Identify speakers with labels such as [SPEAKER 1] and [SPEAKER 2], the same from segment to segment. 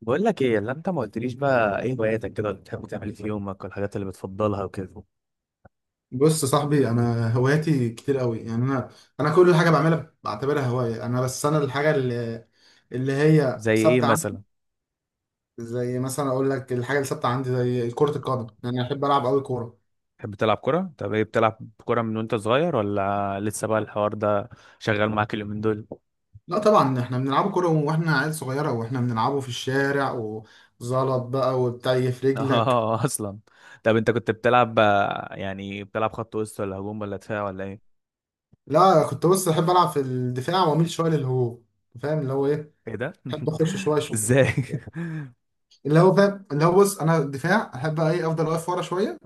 [SPEAKER 1] بقول لك ايه اللي انت ما قلتليش، بقى ايه هواياتك كده؟ اللي بتحب تعمل إيه في يومك والحاجات اللي بتفضلها وكده.
[SPEAKER 2] بص يا صاحبي، انا هواياتي كتير قوي. يعني انا كل حاجه بعملها بعتبرها هوايه. يعني انا، بس انا الحاجه اللي هي
[SPEAKER 1] زي ايه
[SPEAKER 2] ثابته عندي.
[SPEAKER 1] مثلا؟
[SPEAKER 2] زي مثلا اقول لك، الحاجه اللي ثابته عندي زي كره القدم. يعني انا احب العب قوي كوره.
[SPEAKER 1] تحب تلعب كرة؟ طب ايه، بتلعب كرة من وانت صغير ولا لسه بقى الحوار ده شغال معاك اليومين دول؟
[SPEAKER 2] لا طبعا احنا بنلعب كوره واحنا عيال صغيره، واحنا بنلعبه في الشارع وزلط بقى وبتاع في رجلك.
[SPEAKER 1] اه، اصلا. طب انت كنت بتلعب يعني بتلعب خط وسط ولا هجوم ولا دفاع ولا ايه؟
[SPEAKER 2] لا كنت، بص احب العب في الدفاع واميل شويه للهجوم، فاهم اللي هو ايه.
[SPEAKER 1] ايه ده؟
[SPEAKER 2] احب اخش شويه شويه،
[SPEAKER 1] ازاي؟
[SPEAKER 2] اللي هو فاهم اللي هو. بص انا الدفاع احب ايه، افضل واقف ورا شويه،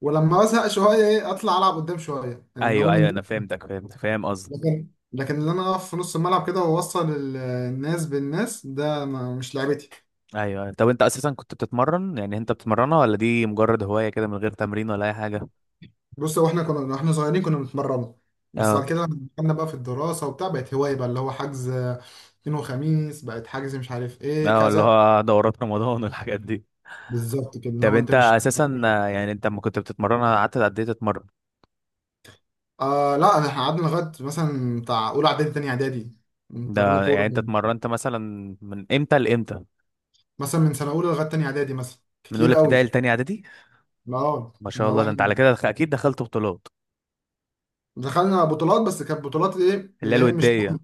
[SPEAKER 2] ولما بزهق شويه ايه، اطلع العب قدام شويه، ان هو
[SPEAKER 1] ايوه،
[SPEAKER 2] من
[SPEAKER 1] ايوه،
[SPEAKER 2] ده.
[SPEAKER 1] انا فهمتك، فهمت، فاهم قصدك.
[SPEAKER 2] لكن لكن اللي انا اقف في نص الملعب كده واوصل الناس بالناس، ده ما مش لعبتي.
[SPEAKER 1] ايوه، ايوه. طب انت اساسا كنت بتتمرن، يعني انت بتتمرنها ولا دي مجرد هواية كده من غير تمرين ولا اي حاجة؟
[SPEAKER 2] بص هو احنا كنا واحنا صغيرين كنا بنتمرنوا، بس بعد كده لما دخلنا بقى في الدراسه وبتاع، بقت هوايه بقى، اللي هو حجز اثنين وخميس، بقت حجز مش عارف ايه
[SPEAKER 1] اه، اللي
[SPEAKER 2] كذا.
[SPEAKER 1] هو دورات رمضان والحاجات دي.
[SPEAKER 2] بالظبط كده،
[SPEAKER 1] طب
[SPEAKER 2] لو انت
[SPEAKER 1] انت
[SPEAKER 2] مش
[SPEAKER 1] اساسا يعني انت لما كنت بتتمرن قعدت قد ايه تتمرن؟
[SPEAKER 2] لا احنا قعدنا لغايه مثلا بتاع اولى اعدادي تاني اعدادي بنتمرنوا
[SPEAKER 1] ده
[SPEAKER 2] كوره.
[SPEAKER 1] يعني انت اتمرنت مثلا من امتى لامتى؟
[SPEAKER 2] مثلا من سنه اولى لغايه تاني اعدادي مثلا،
[SPEAKER 1] من
[SPEAKER 2] كتير
[SPEAKER 1] اولى
[SPEAKER 2] قوي.
[SPEAKER 1] ابتدائي لتانية اعدادي؟
[SPEAKER 2] اه،
[SPEAKER 1] ما
[SPEAKER 2] ان
[SPEAKER 1] شاء
[SPEAKER 2] هو
[SPEAKER 1] الله، ده انت
[SPEAKER 2] احنا
[SPEAKER 1] على كده اكيد دخلت بطولات.
[SPEAKER 2] دخلنا بطولات، بس كانت بطولات ايه
[SPEAKER 1] اللي هي
[SPEAKER 2] اللي هي مش...
[SPEAKER 1] الوديه.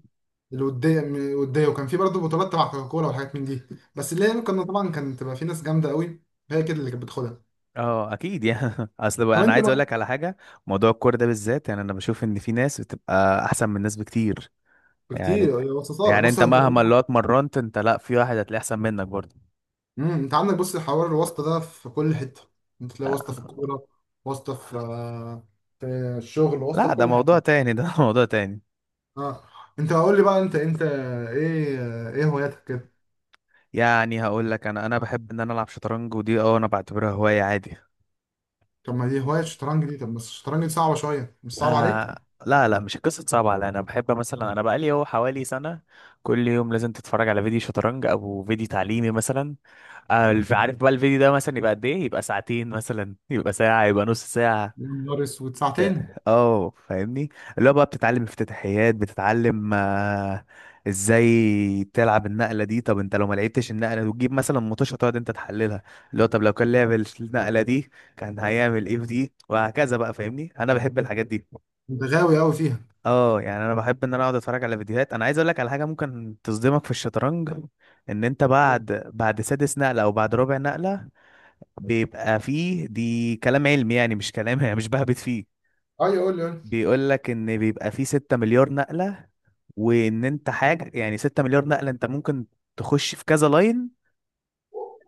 [SPEAKER 2] الوديه، وديه، وكان في برضه بطولات تبع كوكاكولا وحاجات من دي. بس اللي هي كنا طبعا، كانت تبقى في ناس جامده قوي هي كده اللي كانت بتاخدها.
[SPEAKER 1] اه اكيد يعني. اصل بقى
[SPEAKER 2] طب
[SPEAKER 1] انا
[SPEAKER 2] انت
[SPEAKER 1] عايز اقول
[SPEAKER 2] بقى.
[SPEAKER 1] لك على حاجه. موضوع الكوره ده بالذات، يعني انا بشوف ان في ناس بتبقى احسن من ناس بكتير. يعني
[SPEAKER 2] كتير يا وسطات،
[SPEAKER 1] يعني
[SPEAKER 2] بص
[SPEAKER 1] انت
[SPEAKER 2] انت.
[SPEAKER 1] مهما اللي هو اتمرنت، انت لا، في واحد هتلاقيه احسن منك برضه.
[SPEAKER 2] انت عندك، بص، حوار الواسطه ده في كل حته. انت تلاقي واسطه
[SPEAKER 1] لا،
[SPEAKER 2] في الكوره، واسطه في الشغل، واسطه
[SPEAKER 1] لا،
[SPEAKER 2] في
[SPEAKER 1] ده
[SPEAKER 2] كل حاجه.
[SPEAKER 1] موضوع تاني ده. موضوع تاني.
[SPEAKER 2] اه. انت قول لي بقى انت ايه هواياتك كده.
[SPEAKER 1] يعني هقول لك انا بحب ان انا العب شطرنج، ودي اه انا بعتبرها هوايه عادي.
[SPEAKER 2] طب ما دي هوايه الشطرنج دي. طب بس الشطرنج دي صعبه شويه، مش صعب عليك؟
[SPEAKER 1] آه، لا، لا، مش قصه صعبه على، انا بحب مثلا انا بقالي هو حوالي سنه. كل يوم لازم تتفرج على فيديو شطرنج او فيديو تعليمي مثلا. عارف بقى الفيديو ده مثلا يبقى قد ايه؟ يبقى ساعتين مثلا، يبقى ساعه، يبقى نص ساعه.
[SPEAKER 2] يا نهار اسود،
[SPEAKER 1] ف-
[SPEAKER 2] ساعتين!
[SPEAKER 1] اه فاهمني. اللي هو بقى بتتعلم افتتاحيات، بتتعلم ازاي تلعب النقله دي. طب انت لو ما لعبتش النقله وتجيب مثلا مطوشه تقعد انت تحللها، اللي هو طب لو كان لعب النقله دي كان هيعمل ايه في دي، وهكذا بقى. فاهمني، انا بحب الحاجات دي.
[SPEAKER 2] انت غاوي قوي فيها.
[SPEAKER 1] اه، يعني انا بحب ان انا اقعد اتفرج على فيديوهات. انا عايز اقول لك على حاجه ممكن تصدمك في الشطرنج. ان انت بعد سادس نقله او بعد رابع نقله، بيبقى فيه. دي كلام علمي يعني، مش كلام مش بهبت فيه.
[SPEAKER 2] اه، يقول لي.
[SPEAKER 1] بيقول لك ان بيبقى فيه 6 مليار نقلة، وان انت حاجة يعني 6 مليار نقلة انت ممكن تخش في كذا لاين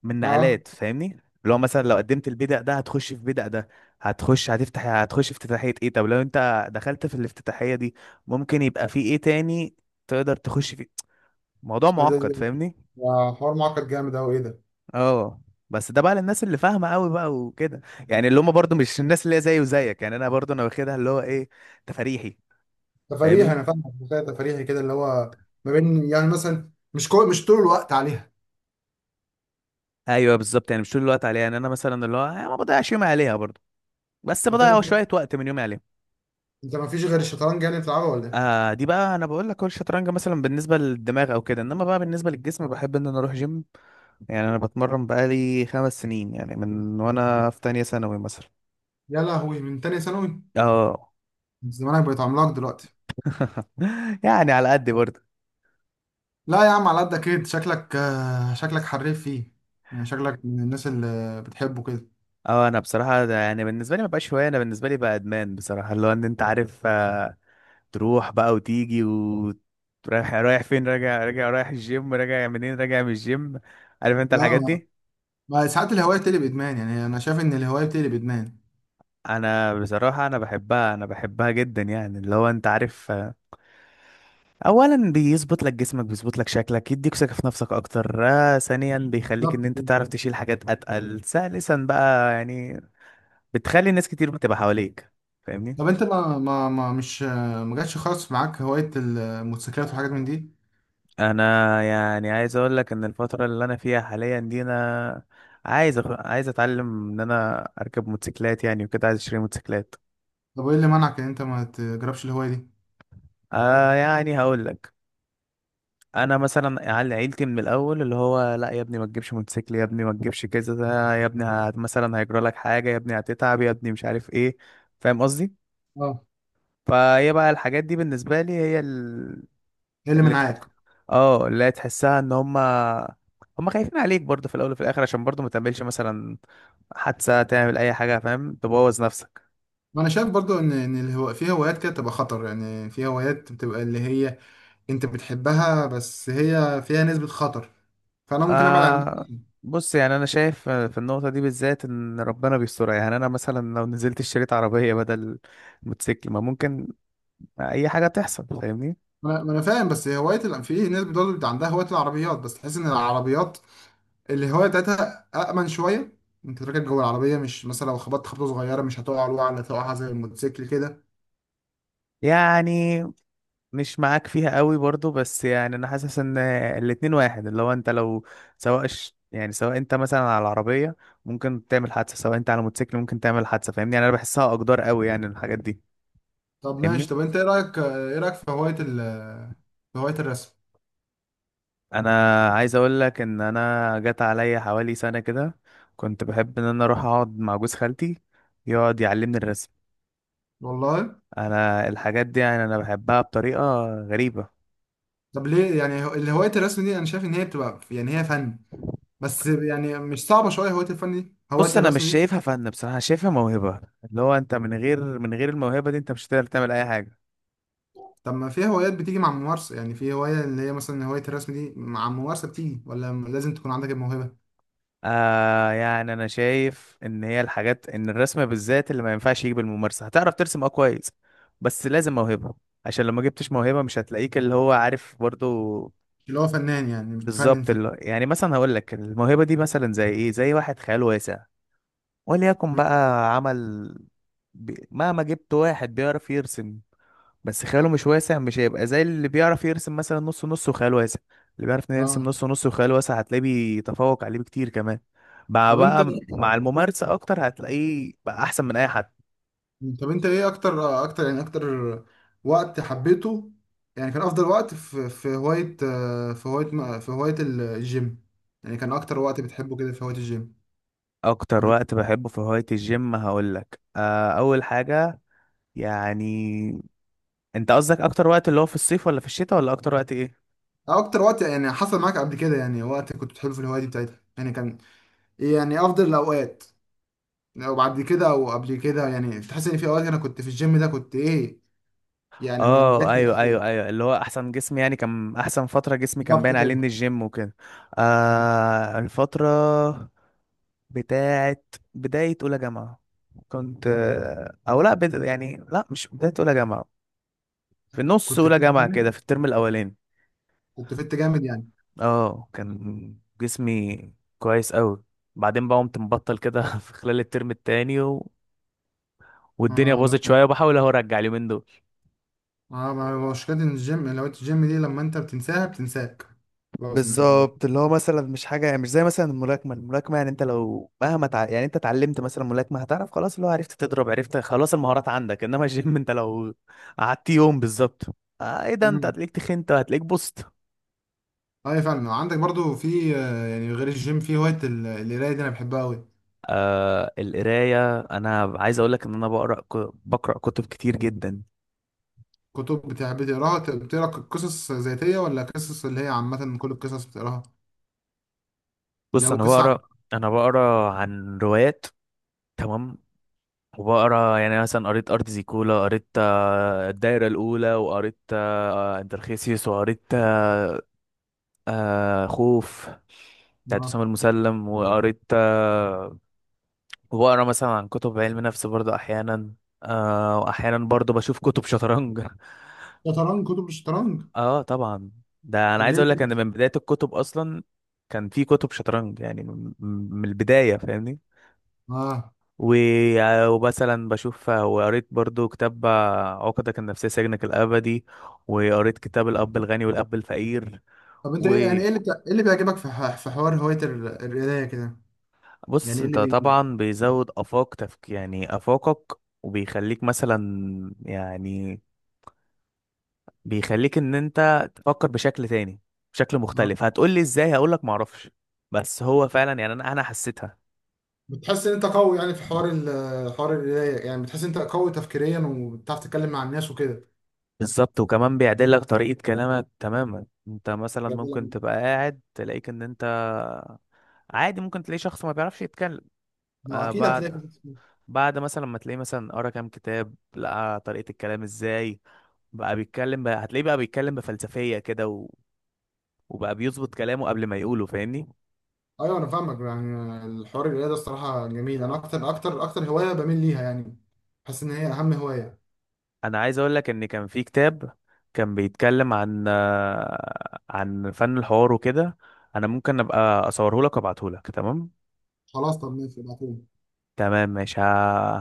[SPEAKER 1] من
[SPEAKER 2] اه،
[SPEAKER 1] نقلات، فاهمني. لو مثلا، لو قدمت البيدق ده هتخش في بيدق ده، هتخش في افتتاحية ايه. طب لو انت دخلت في الافتتاحية دي، ممكن يبقى في ايه تاني تقدر تخش فيه. موضوع
[SPEAKER 2] ده
[SPEAKER 1] معقد،
[SPEAKER 2] ده-
[SPEAKER 1] فاهمني.
[SPEAKER 2] ده حوار معقد جامد قوي، ايه ده.
[SPEAKER 1] اه، بس ده بقى للناس اللي فاهمة قوي بقى وكده. يعني اللي هم برضو مش الناس اللي هي زي وزيك. يعني انا برضو انا واخدها اللي هو ايه، تفريحي،
[SPEAKER 2] تفريحي،
[SPEAKER 1] فاهمني.
[SPEAKER 2] انا فاهم. تفريحي كده، اللي هو ما بين، يعني مثلا، مش طول الوقت عليها.
[SPEAKER 1] ايوه بالظبط، يعني مش طول الوقت عليها. يعني انا مثلا اللي هو ما بضيعش يومي عليها برضه، بس
[SPEAKER 2] انت
[SPEAKER 1] بضيع
[SPEAKER 2] انت
[SPEAKER 1] شويه وقت من يومي عليها.
[SPEAKER 2] انت ما فيش غير الشطرنج يعني بتلعبه، ولا ايه؟
[SPEAKER 1] آه، دي بقى انا بقول لك هو الشطرنج مثلا بالنسبه للدماغ او كده، انما بقى بالنسبه للجسم بحب ان انا اروح جيم. يعني انا بتمرن بقالي 5 سنين يعني من وانا في تانية ثانوي مثلا.
[SPEAKER 2] يا لهوي، من تاني ثانوي!
[SPEAKER 1] اه.
[SPEAKER 2] زمانك بقيت عملاق دلوقتي.
[SPEAKER 1] يعني على قد برضه.
[SPEAKER 2] لا يا عم، على قدك كده شكلك، شكلك حريف فيه. يعني شكلك من الناس اللي بتحبه كده.
[SPEAKER 1] اه، انا بصراحه ده يعني بالنسبه لي ما بقاش هوايه، انا بالنسبه لي بقى ادمان بصراحه، اللي هو ان انت عارف تروح بقى وتيجي، ورايح رايح فين، راجع راجع رايح الجيم، راجع منين؟ راجع من الجيم. عارف انت الحاجات
[SPEAKER 2] اه،
[SPEAKER 1] دي.
[SPEAKER 2] ما ساعات الهواية بتقلب ادمان. يعني انا شايف ان الهواية بتقلب ادمان.
[SPEAKER 1] انا بصراحة انا بحبها جدا. يعني اللي هو انت عارف اولا بيظبط لك جسمك، بيظبط لك شكلك، يديك ثقة في نفسك اكتر، ثانيا بيخليك ان
[SPEAKER 2] بالظبط.
[SPEAKER 1] انت تعرف تشيل حاجات اتقل، ثالثا بقى يعني بتخلي ناس كتير بتبقى حواليك. فاهمني.
[SPEAKER 2] طب انت ما جاتش خالص معاك هواية الموتوسيكلات وحاجات من دي؟
[SPEAKER 1] انا يعني عايز اقول لك ان الفتره اللي انا فيها حاليا دي، انا عايز اتعلم ان انا اركب موتوسيكلات يعني وكده، عايز اشتري موتوسيكلات.
[SPEAKER 2] طب وايه اللي منعك ان انت ما تجربش الهواية دي؟
[SPEAKER 1] آه، يعني هقول لك، انا مثلا عيلتي من الاول اللي هو: لا يا ابني ما تجيبش موتوسيكل، يا ابني ما تجيبش كذا ده، يا ابني مثلا هيجرى لك حاجه، يا ابني هتتعب، يا ابني مش عارف ايه. فاهم قصدي.
[SPEAKER 2] اه.
[SPEAKER 1] فهي بقى الحاجات دي بالنسبه لي هي ال...
[SPEAKER 2] ايه اللي
[SPEAKER 1] اللي تح...
[SPEAKER 2] منعاك.
[SPEAKER 1] اه اللي هي تحسها ان هما خايفين عليك برضه في الاول وفي الاخر، عشان برضه ما تعملش مثلا حادثة، تعمل أي حاجة فاهم، تبوظ نفسك.
[SPEAKER 2] ما انا شايف برضو ان في هوايات كده بتبقى خطر. يعني في هوايات بتبقى اللي هي انت بتحبها، بس هي فيها نسبة خطر. فانا ممكن ابعد عن.
[SPEAKER 1] آه، بص يعني، أنا شايف في النقطة دي بالذات إن ربنا بيسترها. يعني أنا مثلا لو نزلت اشتريت عربية بدل موتوسيكل، ما ممكن أي حاجة تحصل، فاهمني.
[SPEAKER 2] ما أنا فاهم، بس في ناس برضه بيبقى عندها هوايه العربيات، بس تحس ان العربيات الهوايه بتاعتها امن شويه. انت راكب جوه العربيه، مش مثلا لو خبطت خبطه صغيره مش هتقع وقعه اللي هتقعها زي الموتوسيكل كده.
[SPEAKER 1] يعني مش معاك فيها قوي برضو، بس يعني أنا حاسس إن الاتنين واحد، اللي هو أنت لو سواء ش- يعني سواء أنت مثلا على العربية ممكن تعمل حادثة، سواء أنت على موتوسيكل ممكن تعمل حادثة، فاهمني. يعني أنا بحسها أقدار قوي يعني الحاجات دي،
[SPEAKER 2] طب ماشي.
[SPEAKER 1] فاهمني.
[SPEAKER 2] طب انت ايه رايك في هوايه ال في هوايه الرسم؟
[SPEAKER 1] انا عايز اقول لك ان انا جت عليا حوالي سنه كده، كنت بحب ان انا اروح اقعد مع جوز خالتي يقعد يعلمني الرسم.
[SPEAKER 2] والله.
[SPEAKER 1] انا الحاجات دي يعني انا بحبها بطريقه غريبه.
[SPEAKER 2] طب ليه يعني هوايه الرسم دي انا شايف ان هي بتبقى، يعني هي فن. بس يعني مش صعبه شويه هوايه الفن دي، هوايه
[SPEAKER 1] بص انا مش
[SPEAKER 2] الرسم دي؟
[SPEAKER 1] شايفها فن بصراحه، شايفها موهبه، اللي هو انت من غير الموهبه دي انت مش هتقدر تعمل اي حاجه.
[SPEAKER 2] طب ما في هوايات بتيجي مع الممارسه. يعني في هوايه اللي هي مثلا هوايه الرسم دي، مع الممارسه بتيجي ولا لازم تكون عندك الموهبه؟
[SPEAKER 1] آه، يعني انا شايف ان هي الحاجات ان الرسم بالذات اللي ما ينفعش يجي بالممارسه، هتعرف ترسم اه كويس، بس لازم موهبه. عشان لو ما جبتش موهبة مش هتلاقيك اللي هو عارف برضو.
[SPEAKER 2] اللي هو فنان، يعني بتفنن
[SPEAKER 1] بالظبط.
[SPEAKER 2] في الفن.
[SPEAKER 1] يعني مثلا هقول لك الموهبة دي مثلا زي ايه، زي واحد خيال واسع. وليكن بقى عمل مهما جبت واحد بيعرف يرسم بس خياله مش واسع، مش هيبقى زي اللي بيعرف يرسم مثلا نص نص وخيال واسع. اللي بيعرف يرسم
[SPEAKER 2] اه.
[SPEAKER 1] نص نص وخيال واسع هتلاقيه بيتفوق عليه بكتير كمان،
[SPEAKER 2] طب انت
[SPEAKER 1] مع الممارسة اكتر هتلاقيه بقى احسن من اي حد.
[SPEAKER 2] طب انت ايه اكتر اكتر يعني اكتر وقت حبيته. يعني كان افضل وقت في هواية الجيم. يعني كان اكتر وقت بتحبه كده في هواية الجيم.
[SPEAKER 1] اكتر
[SPEAKER 2] قبل كده.
[SPEAKER 1] وقت بحبه في هواية الجيم هقول لك، اول حاجة. يعني انت قصدك اكتر وقت اللي هو في الصيف، ولا في الشتاء، ولا اكتر وقت ايه؟
[SPEAKER 2] أو اكتر وقت يعني حصل معاك قبل كده، يعني وقت كنت بتحبه في الهواية دي بتاعتها، يعني كان ايه يعني افضل الاوقات. لو بعد كده او قبل كده، يعني تحس ان في اوقات انا كنت في الجيم ده كنت ايه، يعني ما
[SPEAKER 1] اه،
[SPEAKER 2] جاتش.
[SPEAKER 1] ايوه، ايوه، ايوه. اللي هو احسن جسم يعني كان احسن فتره جسمي كان
[SPEAKER 2] بالظبط
[SPEAKER 1] باين عليه
[SPEAKER 2] كده.
[SPEAKER 1] ان الجيم وكده. آه، الفتره بتاعت بدايه اولى جامعه كنت آه، او لا بد... يعني لا، مش بدايه اولى جامعه. في نص
[SPEAKER 2] كنت
[SPEAKER 1] اولى
[SPEAKER 2] فت
[SPEAKER 1] جامعه كده،
[SPEAKER 2] يعني،
[SPEAKER 1] في الترم الاولاني.
[SPEAKER 2] كنت فت جامد يعني.
[SPEAKER 1] اه، كان جسمي كويس قوي. بعدين بقى قمت مبطل كده. في خلال الترم التاني و... والدنيا
[SPEAKER 2] اه لا.
[SPEAKER 1] باظت شويه، وبحاول اهو ارجع اليومين دول.
[SPEAKER 2] اه ما هو مشكلة إن الجيم، لو انت، الجيم دي لما انت بتنساها بتنساك. خلاص انت.
[SPEAKER 1] بالظبط، اللي هو مثلا مش حاجه، يعني مش زي مثلا الملاكمه يعني انت لو مهما تع... يعني انت اتعلمت مثلا ملاكمه، هتعرف خلاص اللي هو عرفت تضرب، عرفت خلاص المهارات عندك، انما الجيم انت لو قعدت يوم بالظبط، ايه ده، انت
[SPEAKER 2] امم
[SPEAKER 1] هتلاقيك تخنت، هتلاقيك بوست.
[SPEAKER 2] اي، فعلا. عندك برضو في، يعني غير الجيم، في هواية القراية دي انا بحبها قوي.
[SPEAKER 1] آه، القرايه، انا عايز اقول لك ان انا بقرا كتب كتير جدا.
[SPEAKER 2] كتب بتحب تقراها، بتقرا قصص ذاتية ولا قصص اللي هي عامة، كل القصص بتقراها؟ اللي
[SPEAKER 1] بص،
[SPEAKER 2] هو قصة عن.
[SPEAKER 1] انا بقرا عن روايات. تمام. وبقرا يعني مثلا قريت ارض زيكولا، قريت الدايره الاولى، وقريت انترخيسيوس، وقريت خوف بتاعت
[SPEAKER 2] اه.
[SPEAKER 1] أسامة المسلم، وقريت وبقرا مثلا عن كتب علم نفس برضه أحيانا. وأحيانا برضه بشوف كتب شطرنج.
[SPEAKER 2] شطرنج، كتب الشطرنج.
[SPEAKER 1] اه طبعا. ده أنا
[SPEAKER 2] طب
[SPEAKER 1] عايز
[SPEAKER 2] ليه
[SPEAKER 1] أقول لك إن
[SPEAKER 2] كده؟
[SPEAKER 1] من بداية الكتب أصلا كان في كتب شطرنج، يعني من البداية، فاهمني.
[SPEAKER 2] اه،
[SPEAKER 1] و- ومثلا بشوف وقريت برضه كتاب عقدك النفسية سجنك الأبدي، وقريت كتاب الأب الغني والأب الفقير.
[SPEAKER 2] طب انت ايه، يعني ايه اللي بيعجبك في حوار هواية القراية كده.
[SPEAKER 1] بص،
[SPEAKER 2] يعني ايه اللي
[SPEAKER 1] انت
[SPEAKER 2] بي.
[SPEAKER 1] طبعا بيزود افاقك، وبيخليك مثلا يعني بيخليك ان انت تفكر بشكل تاني، بشكل
[SPEAKER 2] اه.
[SPEAKER 1] مختلف. هتقولي ازاي؟ هقولك معرفش. بس هو فعلا، يعني انا حسيتها.
[SPEAKER 2] بتحس ان انت قوي، يعني في حوار حوار القرايه، يعني بتحس ان انت قوي تفكيريا وبتعرف تتكلم مع الناس وكده.
[SPEAKER 1] بالظبط. وكمان بيعدل لك طريقة كلامك تماما. انت مثلا
[SPEAKER 2] يعني
[SPEAKER 1] ممكن
[SPEAKER 2] لما.
[SPEAKER 1] تبقى قاعد تلاقيك ان انت عادي، ممكن تلاقي شخص ما بيعرفش يتكلم،
[SPEAKER 2] ما
[SPEAKER 1] آه
[SPEAKER 2] اكيد هتلاقي.
[SPEAKER 1] بعد بعد مثلا ما تلاقيه مثلا قرا كام كتاب، لقى طريقة الكلام ازاي، بقى بيتكلم، بقى هتلاقيه بقى بيتكلم بفلسفية كده و... وبقى بيظبط كلامه قبل ما يقوله، فاهمني.
[SPEAKER 2] ايوه انا فاهمك. يعني الحوار القرايه ده الصراحه جميل، انا اكتر هوايه بميل ليها يعني. بحس ان هي اهم هوايه.
[SPEAKER 1] انا عايز اقول لك ان كان في كتاب كان بيتكلم عن فن الحوار وكده. انا ممكن ابقى اصوره لك وابعته لك، تمام.
[SPEAKER 2] خلاص طب ماشي، ابعتولي.
[SPEAKER 1] تمام، ماشي.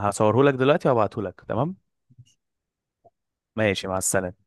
[SPEAKER 1] هصوره لك دلوقتي وابعته لك، تمام. ماشي، مع السلامة.